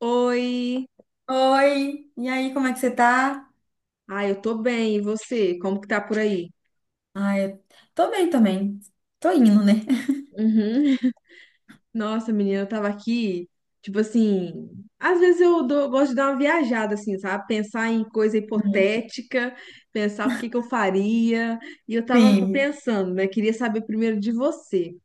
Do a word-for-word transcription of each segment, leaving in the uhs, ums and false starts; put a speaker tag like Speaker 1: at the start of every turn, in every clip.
Speaker 1: Oi!
Speaker 2: Oi, e aí, como é que você tá?
Speaker 1: Ah, eu tô bem, e você? Como que tá por aí?
Speaker 2: Ah, eu tô bem também. Tô indo, né?
Speaker 1: Uhum. Nossa, menina, eu tava aqui, tipo assim, às vezes eu dou- gosto de dar uma viajada, assim, sabe? Pensar em coisa
Speaker 2: Uhum.
Speaker 1: hipotética, pensar o que que eu faria, e eu tava aqui
Speaker 2: Sim.
Speaker 1: pensando, né? Queria saber primeiro de você.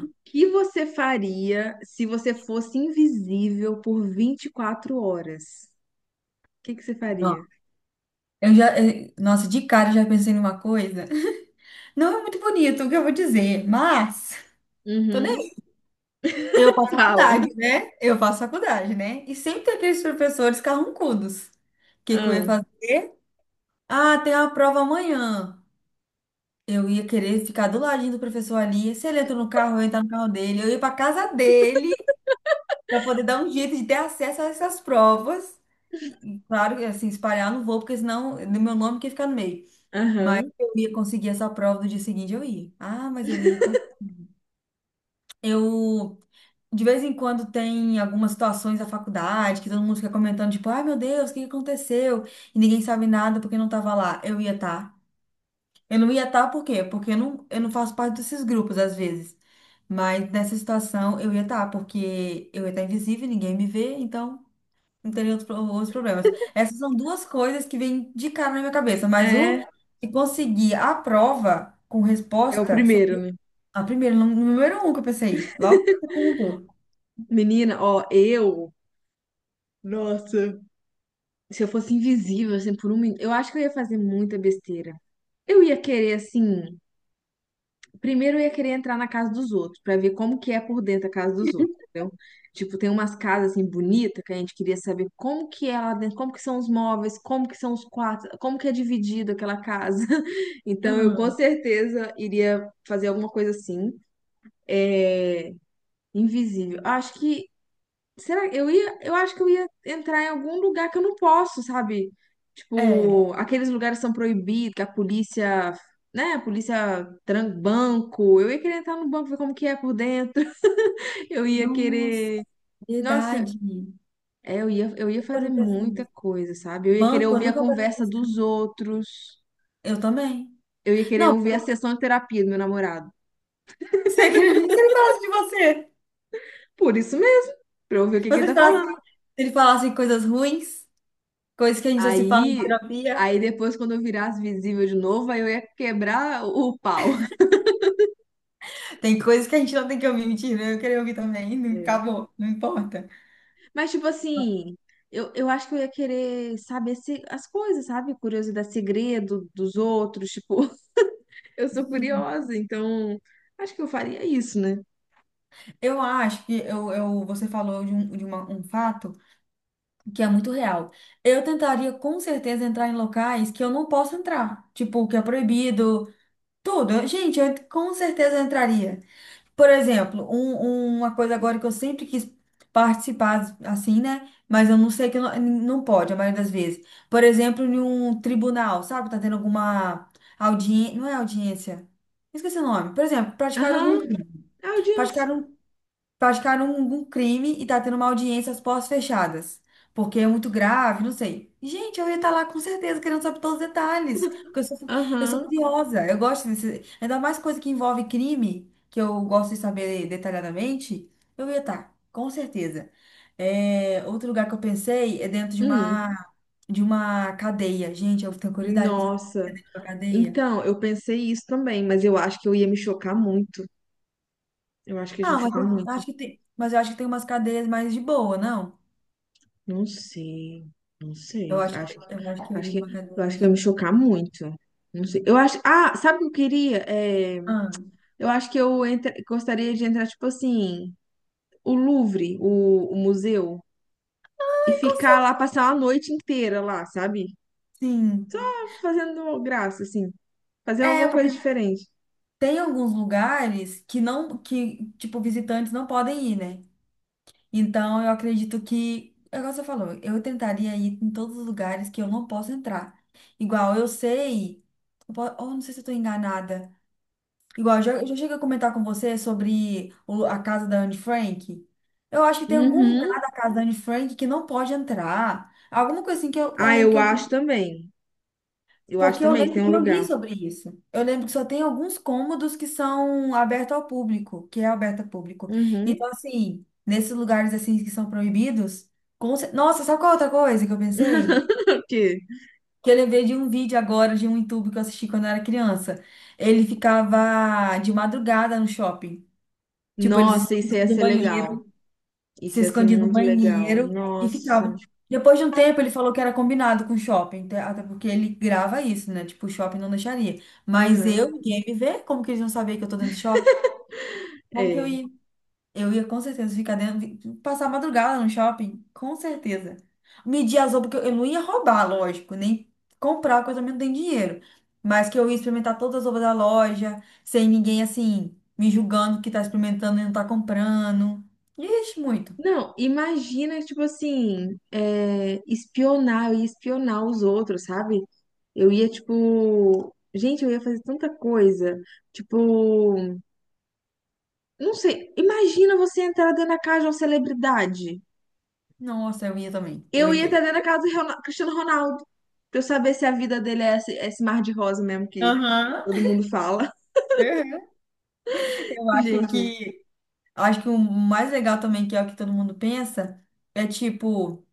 Speaker 1: O que você faria se você fosse invisível por vinte e quatro horas? O que que você
Speaker 2: bom.
Speaker 1: faria?
Speaker 2: Eu já, eu- nossa, de cara eu já pensei numa coisa. Não é muito bonito o que eu vou dizer, mas tô nem
Speaker 1: Uhum.
Speaker 2: aí. eu faço
Speaker 1: Fala.
Speaker 2: faculdade, né? Eu faço faculdade, né? E sempre tem aqueles professores carrancudos. O que que eu ia
Speaker 1: Ah,
Speaker 2: fazer? Ah, tem uma prova amanhã. Eu ia querer ficar do ladinho do professor ali. Se ele entra no carro, eu ia entrar no carro dele. Eu ia pra casa dele, para poder dar um jeito de ter acesso a essas provas. E, claro, que, assim, espalhar eu não vou, porque senão no meu nome que fica no meio. Mas
Speaker 1: aham.
Speaker 2: eu ia conseguir essa prova no dia seguinte, eu ia. Ah, mas eu ia conseguir. Eu, de vez em quando, tem algumas situações da faculdade que todo mundo fica comentando, tipo, ai meu Deus, o que que aconteceu? E ninguém sabe nada porque não tava lá. Eu ia estar. Eu não ia estar por quê? Porque eu não, eu não faço parte desses grupos, às vezes. Mas nessa situação, eu ia estar, porque eu ia estar invisível, ninguém me vê, então não teria outros, pro- outros problemas. Essas são duas coisas que vêm de cara na minha cabeça, mas o
Speaker 1: É,
Speaker 2: de conseguir a prova com
Speaker 1: é o
Speaker 2: resposta
Speaker 1: primeiro,
Speaker 2: seria
Speaker 1: né?
Speaker 2: a primeira, no- número um que eu pensei, logo o segundo.
Speaker 1: Menina, ó, eu. Nossa. Se eu fosse invisível, assim, por um minuto. Eu acho que eu ia fazer muita besteira. Eu ia querer, assim. Primeiro, eu ia querer entrar na casa dos outros, pra ver como que é por dentro a casa dos outros, entendeu? Tipo, tem umas casas, assim, bonitas, que a gente queria saber como que é lá dentro, como que são os móveis, como que são os quartos, como que é dividido aquela casa. Então, eu com
Speaker 2: Ah,
Speaker 1: certeza iria fazer alguma coisa assim. É, invisível. Acho que Será que eu ia, eu acho que eu ia entrar em algum lugar que eu não posso, sabe?
Speaker 2: é,
Speaker 1: Tipo, aqueles lugares que são proibidos, que a polícia, né, a polícia tranca banco. Eu ia querer entrar no banco, ver como que é por dentro. Eu ia
Speaker 2: nossa,
Speaker 1: querer,
Speaker 2: é
Speaker 1: nossa,
Speaker 2: verdade. Nunca
Speaker 1: é, eu ia, eu ia fazer
Speaker 2: parei pra pensar
Speaker 1: muita
Speaker 2: nisso.
Speaker 1: coisa, sabe? Eu ia querer
Speaker 2: Banco, eu
Speaker 1: ouvir a
Speaker 2: nunca parei pra
Speaker 1: conversa
Speaker 2: pensar.
Speaker 1: dos outros.
Speaker 2: Eu também.
Speaker 1: Eu ia querer
Speaker 2: Não,
Speaker 1: ouvir
Speaker 2: porque
Speaker 1: a sessão de terapia do meu namorado.
Speaker 2: se ele se ele falasse de você,
Speaker 1: Por isso mesmo, pra eu ouvir o que que ele
Speaker 2: você
Speaker 1: tá
Speaker 2: falasse, se
Speaker 1: falando.
Speaker 2: ele falasse coisas ruins, coisas que a gente já se fala em
Speaker 1: Aí,
Speaker 2: terapia,
Speaker 1: aí depois quando eu virasse visível de novo, aí eu ia quebrar o pau.
Speaker 2: tem coisas que a gente não tem que ouvir, mentira, eu queria ouvir também, não
Speaker 1: É.
Speaker 2: acabou, não importa.
Speaker 1: Mas, tipo assim, eu, eu acho que eu ia querer saber se, as coisas, sabe? Curiosidade, segredo dos outros. Tipo, eu sou curiosa, então acho que eu faria isso, né?
Speaker 2: Eu acho que eu, eu, você falou de, um, de uma- um fato que é muito real. Eu tentaria com certeza entrar em locais que eu não posso entrar, tipo, que é proibido, tudo. Gente, eu com certeza entraria. Por exemplo, um- uma coisa agora que eu sempre quis participar, assim, né? Mas eu não sei que não, não pode, a maioria das vezes. Por exemplo, em um tribunal, sabe? Tá tendo alguma audiência, não é audiência? Esqueci o nome. Por exemplo, praticaram algum
Speaker 1: Aham,
Speaker 2: crime.
Speaker 1: a audiência.
Speaker 2: Praticaram praticaram um, um crime e tá tendo uma audiência às portas fechadas. Porque é muito grave, não sei. Gente, eu ia estar lá com certeza querendo saber todos os detalhes. Porque eu sou, eu sou
Speaker 1: Aham.
Speaker 2: curiosa, eu gosto desse. Ainda mais coisa que envolve crime, que eu gosto de saber detalhadamente, eu ia estar, com certeza. É, outro lugar que eu pensei é dentro de uma,
Speaker 1: Hum,
Speaker 2: de uma cadeia. Gente, eu tenho curiosidade pra saber como
Speaker 1: nossa.
Speaker 2: é dentro de uma cadeia.
Speaker 1: Então, eu pensei isso também, mas eu acho que eu ia me chocar muito. Eu acho que ia me
Speaker 2: Ah, mas
Speaker 1: chocar
Speaker 2: eu
Speaker 1: muito.
Speaker 2: acho que tem, mas eu acho que tem umas cadeias mais de boa, não?
Speaker 1: Não sei. Não
Speaker 2: Eu
Speaker 1: sei.
Speaker 2: acho que
Speaker 1: Acho,
Speaker 2: eu acho que eu
Speaker 1: acho
Speaker 2: iria pra
Speaker 1: que,
Speaker 2: uma
Speaker 1: eu
Speaker 2: academia
Speaker 1: acho que
Speaker 2: mais.
Speaker 1: ia me chocar muito. Não sei. Eu acho. Ah, sabe o que eu queria? É.
Speaker 2: Ah,
Speaker 1: Eu acho que eu entra- gostaria de entrar, tipo assim, o Louvre, o, o museu, e
Speaker 2: com
Speaker 1: ficar lá,
Speaker 2: certeza.
Speaker 1: passar uma noite inteira lá, sabe?
Speaker 2: Sim.
Speaker 1: Só Fazendo graça, assim, fazer
Speaker 2: É,
Speaker 1: alguma coisa
Speaker 2: porque
Speaker 1: diferente.
Speaker 2: tem alguns lugares que não, que, tipo, visitantes não podem ir, né? Então eu acredito que, é igual você falou, eu tentaria ir em todos os lugares que eu não posso entrar. Igual eu sei, eu po- ou não sei se eu tô enganada. Igual, eu já, eu já cheguei a comentar com você sobre o- a casa da Anne Frank. Eu acho que tem algum lugar
Speaker 1: Uhum.
Speaker 2: da casa da Anne Frank que não pode entrar. Alguma coisa assim que eu, eu
Speaker 1: Ah,
Speaker 2: lembro que
Speaker 1: eu
Speaker 2: eu.
Speaker 1: acho também. Eu acho
Speaker 2: Porque eu
Speaker 1: também que
Speaker 2: lembro
Speaker 1: tem um
Speaker 2: que eu li
Speaker 1: lugar.
Speaker 2: sobre isso. Eu lembro que só tem alguns cômodos que são abertos ao público, que é aberto ao público.
Speaker 1: Uhum.
Speaker 2: Então, assim, nesses lugares assim que são proibidos, com cer- nossa, sabe qual é outra coisa que eu pensei?
Speaker 1: O quê?
Speaker 2: Que eu lembrei de um vídeo agora de um YouTube que eu assisti quando eu era criança. Ele ficava de madrugada no shopping. Tipo, eles
Speaker 1: Nossa, isso
Speaker 2: escondiam
Speaker 1: ia
Speaker 2: no
Speaker 1: ser legal.
Speaker 2: banheiro, se
Speaker 1: Isso ia ser
Speaker 2: escondia no
Speaker 1: muito legal.
Speaker 2: banheiro e
Speaker 1: Nossa.
Speaker 2: ficava. Depois de um tempo, ele falou que era combinado com o shopping, até até porque ele grava isso, né? Tipo, o shopping não deixaria. Mas
Speaker 1: Aham.
Speaker 2: eu, ninguém ia me ver, como que eles não saber que eu tô dentro do shopping? Como que eu
Speaker 1: É.
Speaker 2: ia? Eu ia com certeza ficar dentro, vi- passar a madrugada no shopping, com certeza. Medir as roupas, porque eu eu não ia roubar, lógico, nem comprar, porque eu também não tenho dinheiro. Mas que eu ia experimentar todas as roupas da loja, sem ninguém assim, me julgando que tá experimentando e não tá comprando. Ixi, muito.
Speaker 1: Não, imagina, tipo assim, é, espionar, eu ia espionar os outros, sabe? Eu ia, tipo. Gente, eu ia fazer tanta coisa. Tipo, não sei. Imagina você entrar dentro da casa de uma celebridade.
Speaker 2: Nossa, eu ia também. Eu
Speaker 1: Eu
Speaker 2: ia
Speaker 1: ia entrar
Speaker 2: querer.
Speaker 1: dentro da casa do Rona- Cristiano Ronaldo. Pra eu saber se a vida dele é esse, esse mar de rosa mesmo que
Speaker 2: Aham.
Speaker 1: todo mundo fala.
Speaker 2: Eu acho
Speaker 1: Gente.
Speaker 2: que, acho que o mais legal também, que é o que todo mundo pensa, é tipo,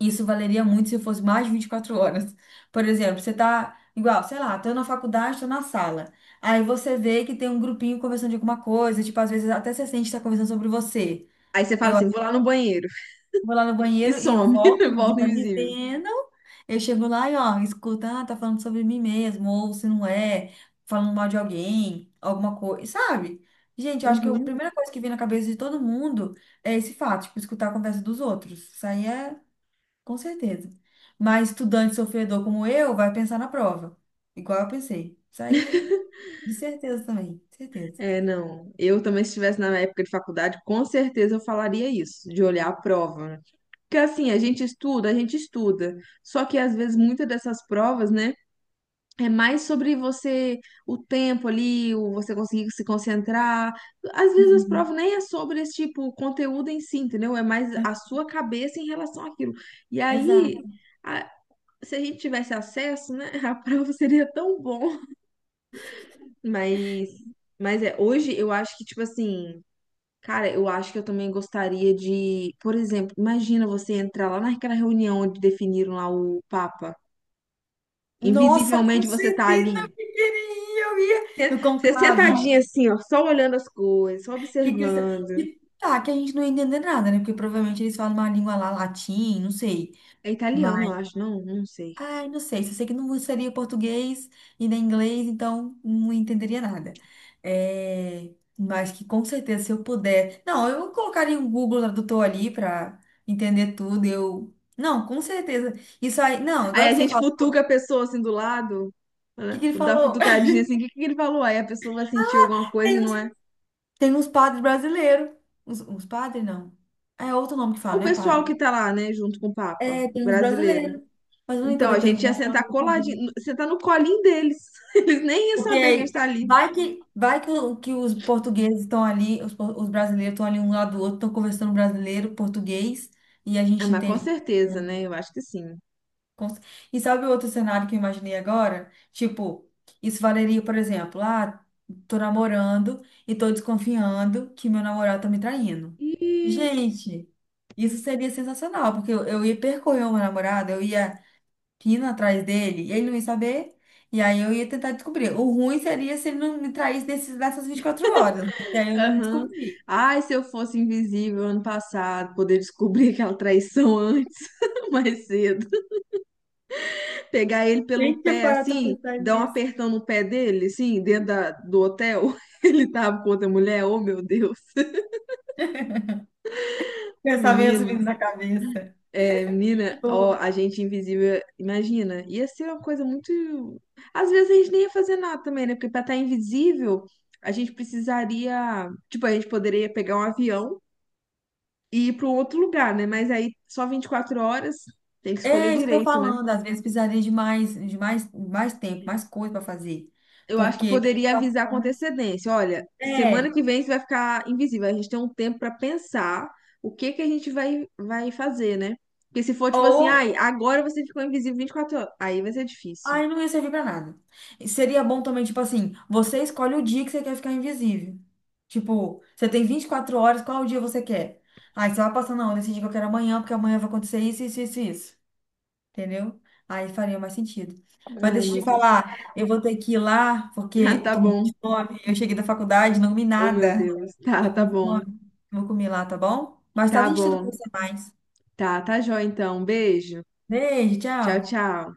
Speaker 2: isso valeria muito se fosse mais de vinte e quatro horas. Por exemplo, você tá igual, sei lá, tô na faculdade, tô na sala. Aí você vê que tem um grupinho conversando de alguma coisa, tipo, às vezes até você sente que tá conversando sobre você.
Speaker 1: Aí você fala assim: vou lá no banheiro.
Speaker 2: Vou lá no
Speaker 1: E
Speaker 2: banheiro e eu
Speaker 1: some,
Speaker 2: volto, ninguém
Speaker 1: volta
Speaker 2: tá me
Speaker 1: invisível.
Speaker 2: vendo. Eu chego lá e, ó, escuta, ah, tá falando sobre mim mesmo, ou se não é, falando mal de alguém, alguma coisa, sabe? Gente, eu acho que a
Speaker 1: Uhum.
Speaker 2: primeira coisa que vem na cabeça de todo mundo é esse fato, tipo, escutar a conversa dos outros. Isso aí é, com certeza. Mas estudante sofredor como eu vai pensar na prova, igual eu pensei. Isso aí, de certeza também, certeza.
Speaker 1: É, não. Eu também, se estivesse na época de faculdade, com certeza eu falaria isso, de olhar a prova, né? Porque assim, a gente estuda, a gente estuda. Só que às vezes muitas dessas provas, né, é mais sobre você, o tempo ali, o você conseguir se concentrar. Às vezes as provas
Speaker 2: Uhum.
Speaker 1: nem é sobre esse tipo, o conteúdo em si, entendeu? É mais a sua cabeça em relação àquilo. E aí,
Speaker 2: Exato.
Speaker 1: a- se a gente tivesse acesso, né, a prova seria tão bom. Mas, mas é, hoje eu acho que, tipo assim. Cara, eu acho que eu também gostaria de, por exemplo, imagina você entrar lá naquela reunião onde definiram lá o Papa.
Speaker 2: Nossa, com
Speaker 1: Invisivelmente você tá
Speaker 2: certeza, eu
Speaker 1: ali.
Speaker 2: queria, eu ia no
Speaker 1: Você
Speaker 2: conclave.
Speaker 1: sentadinha assim, ó, só olhando as coisas, só
Speaker 2: Que cristão.
Speaker 1: observando.
Speaker 2: E tá, que a gente não ia entender nada, né? Porque provavelmente eles falam uma língua lá, latim, não sei.
Speaker 1: É italiano,
Speaker 2: Mas,
Speaker 1: eu acho, não, não sei.
Speaker 2: ai, não sei. Só sei que não seria português e nem inglês, então não entenderia nada. É, mas que com certeza, se eu puder. Não, eu colocaria um Google Tradutor ali pra entender tudo. Eu. Não, com certeza. Isso aí. Não,
Speaker 1: Aí
Speaker 2: agora
Speaker 1: a
Speaker 2: que você
Speaker 1: gente
Speaker 2: fala, o
Speaker 1: futuca a pessoa assim do lado,
Speaker 2: que
Speaker 1: né?
Speaker 2: que ele
Speaker 1: Dá uma
Speaker 2: falou?
Speaker 1: futucadinha assim, o que que ele falou? Aí a pessoa vai sentir
Speaker 2: Ah,
Speaker 1: alguma coisa e
Speaker 2: Tem
Speaker 1: não
Speaker 2: uns,
Speaker 1: é.
Speaker 2: tem uns padres brasileiros. Uns, uns padres, não. É outro nome que
Speaker 1: É
Speaker 2: fala,
Speaker 1: o
Speaker 2: não é
Speaker 1: pessoal
Speaker 2: padre.
Speaker 1: que tá lá, né, junto com o Papa,
Speaker 2: É, tem uns
Speaker 1: brasileiro.
Speaker 2: brasileiros, mas eu nem
Speaker 1: Então, a
Speaker 2: poder
Speaker 1: gente ia
Speaker 2: perguntar se ela
Speaker 1: sentar
Speaker 2: não saber.
Speaker 1: coladinho, sentar no colinho deles. Eles nem iam
Speaker 2: Porque
Speaker 1: saber que a gente tá
Speaker 2: aí,
Speaker 1: ali.
Speaker 2: vai que, vai que, o- que os portugueses estão ali, os, por- os brasileiros estão ali um lado do outro, estão conversando brasileiro, português, e a
Speaker 1: Ah,
Speaker 2: gente
Speaker 1: mas com
Speaker 2: entende. que- é
Speaker 1: certeza,
Speaker 2: um
Speaker 1: né? Eu acho que sim.
Speaker 2: Cons- E sabe o outro cenário que eu imaginei agora? Tipo, isso valeria, por exemplo, ah, tô namorando e tô desconfiando que meu namorado tá me traindo.
Speaker 1: Ih,
Speaker 2: Gente, isso seria sensacional, porque eu, eu ia percorrer o meu namorado, eu ia pina atrás dele e ele não ia saber. E aí eu ia tentar descobrir. O ruim seria se ele não me traísse desses, dessas vinte e quatro horas, porque aí eu não
Speaker 1: aham.
Speaker 2: descobri.
Speaker 1: Ai, se eu fosse invisível ano passado, poder descobrir aquela traição antes, mais cedo. Pegar ele pelo
Speaker 2: Nem tinha
Speaker 1: pé,
Speaker 2: parado pra
Speaker 1: assim,
Speaker 2: pensar
Speaker 1: dar um
Speaker 2: nisso.
Speaker 1: apertão no pé dele, assim, dentro da- do hotel. Ele tava com outra mulher, oh meu Deus,
Speaker 2: Pensamentos
Speaker 1: menino.
Speaker 2: vindo na cabeça.
Speaker 1: É, menina, ó,
Speaker 2: Tipo,
Speaker 1: a gente invisível, imagina, ia ser uma coisa muito. Às vezes a gente nem ia fazer nada também, né? Porque pra estar invisível, a gente precisaria. Tipo, a gente poderia pegar um avião e ir para um outro lugar, né? Mas aí só vinte e quatro horas, tem que escolher
Speaker 2: é isso que eu tô
Speaker 1: direito, né?
Speaker 2: falando. Às vezes precisaria de mais, de mais, mais tempo, mais coisa para fazer.
Speaker 1: Eu acho que
Speaker 2: Porque vinte e
Speaker 1: poderia
Speaker 2: quatro
Speaker 1: avisar com
Speaker 2: horas.
Speaker 1: antecedência: olha, semana
Speaker 2: É.
Speaker 1: que vem você vai ficar invisível. A gente tem um tempo pra pensar o que que a gente vai, vai fazer, né? Porque se for tipo assim,
Speaker 2: Ou,
Speaker 1: ai, agora você ficou invisível vinte e quatro horas, aí vai ser difícil.
Speaker 2: aí não ia servir pra nada. E seria bom também, tipo assim, você escolhe o dia que você quer ficar invisível. Tipo, você tem vinte e quatro horas, qual o dia você quer? Aí você vai passando, não, eu decidi que eu quero é amanhã, porque amanhã vai acontecer isso, isso, isso, isso. Entendeu? Aí faria mais sentido. Mas
Speaker 1: Ai,
Speaker 2: deixa eu
Speaker 1: meu
Speaker 2: te
Speaker 1: Deus.
Speaker 2: falar, eu vou ter que ir lá,
Speaker 1: Ah,
Speaker 2: porque eu
Speaker 1: tá
Speaker 2: tô morrendo
Speaker 1: bom.
Speaker 2: de fome. Eu cheguei da faculdade, não comi
Speaker 1: Oh, meu
Speaker 2: nada.
Speaker 1: Deus. Tá,
Speaker 2: Tô
Speaker 1: tá
Speaker 2: com
Speaker 1: bom.
Speaker 2: fome. Vou comer lá, tá bom? Mais
Speaker 1: Tá
Speaker 2: tarde a gente tenta
Speaker 1: bom.
Speaker 2: conversar mais.
Speaker 1: Tá, tá jóia então. Beijo.
Speaker 2: Beijo,
Speaker 1: Tchau,
Speaker 2: tchau.
Speaker 1: tchau.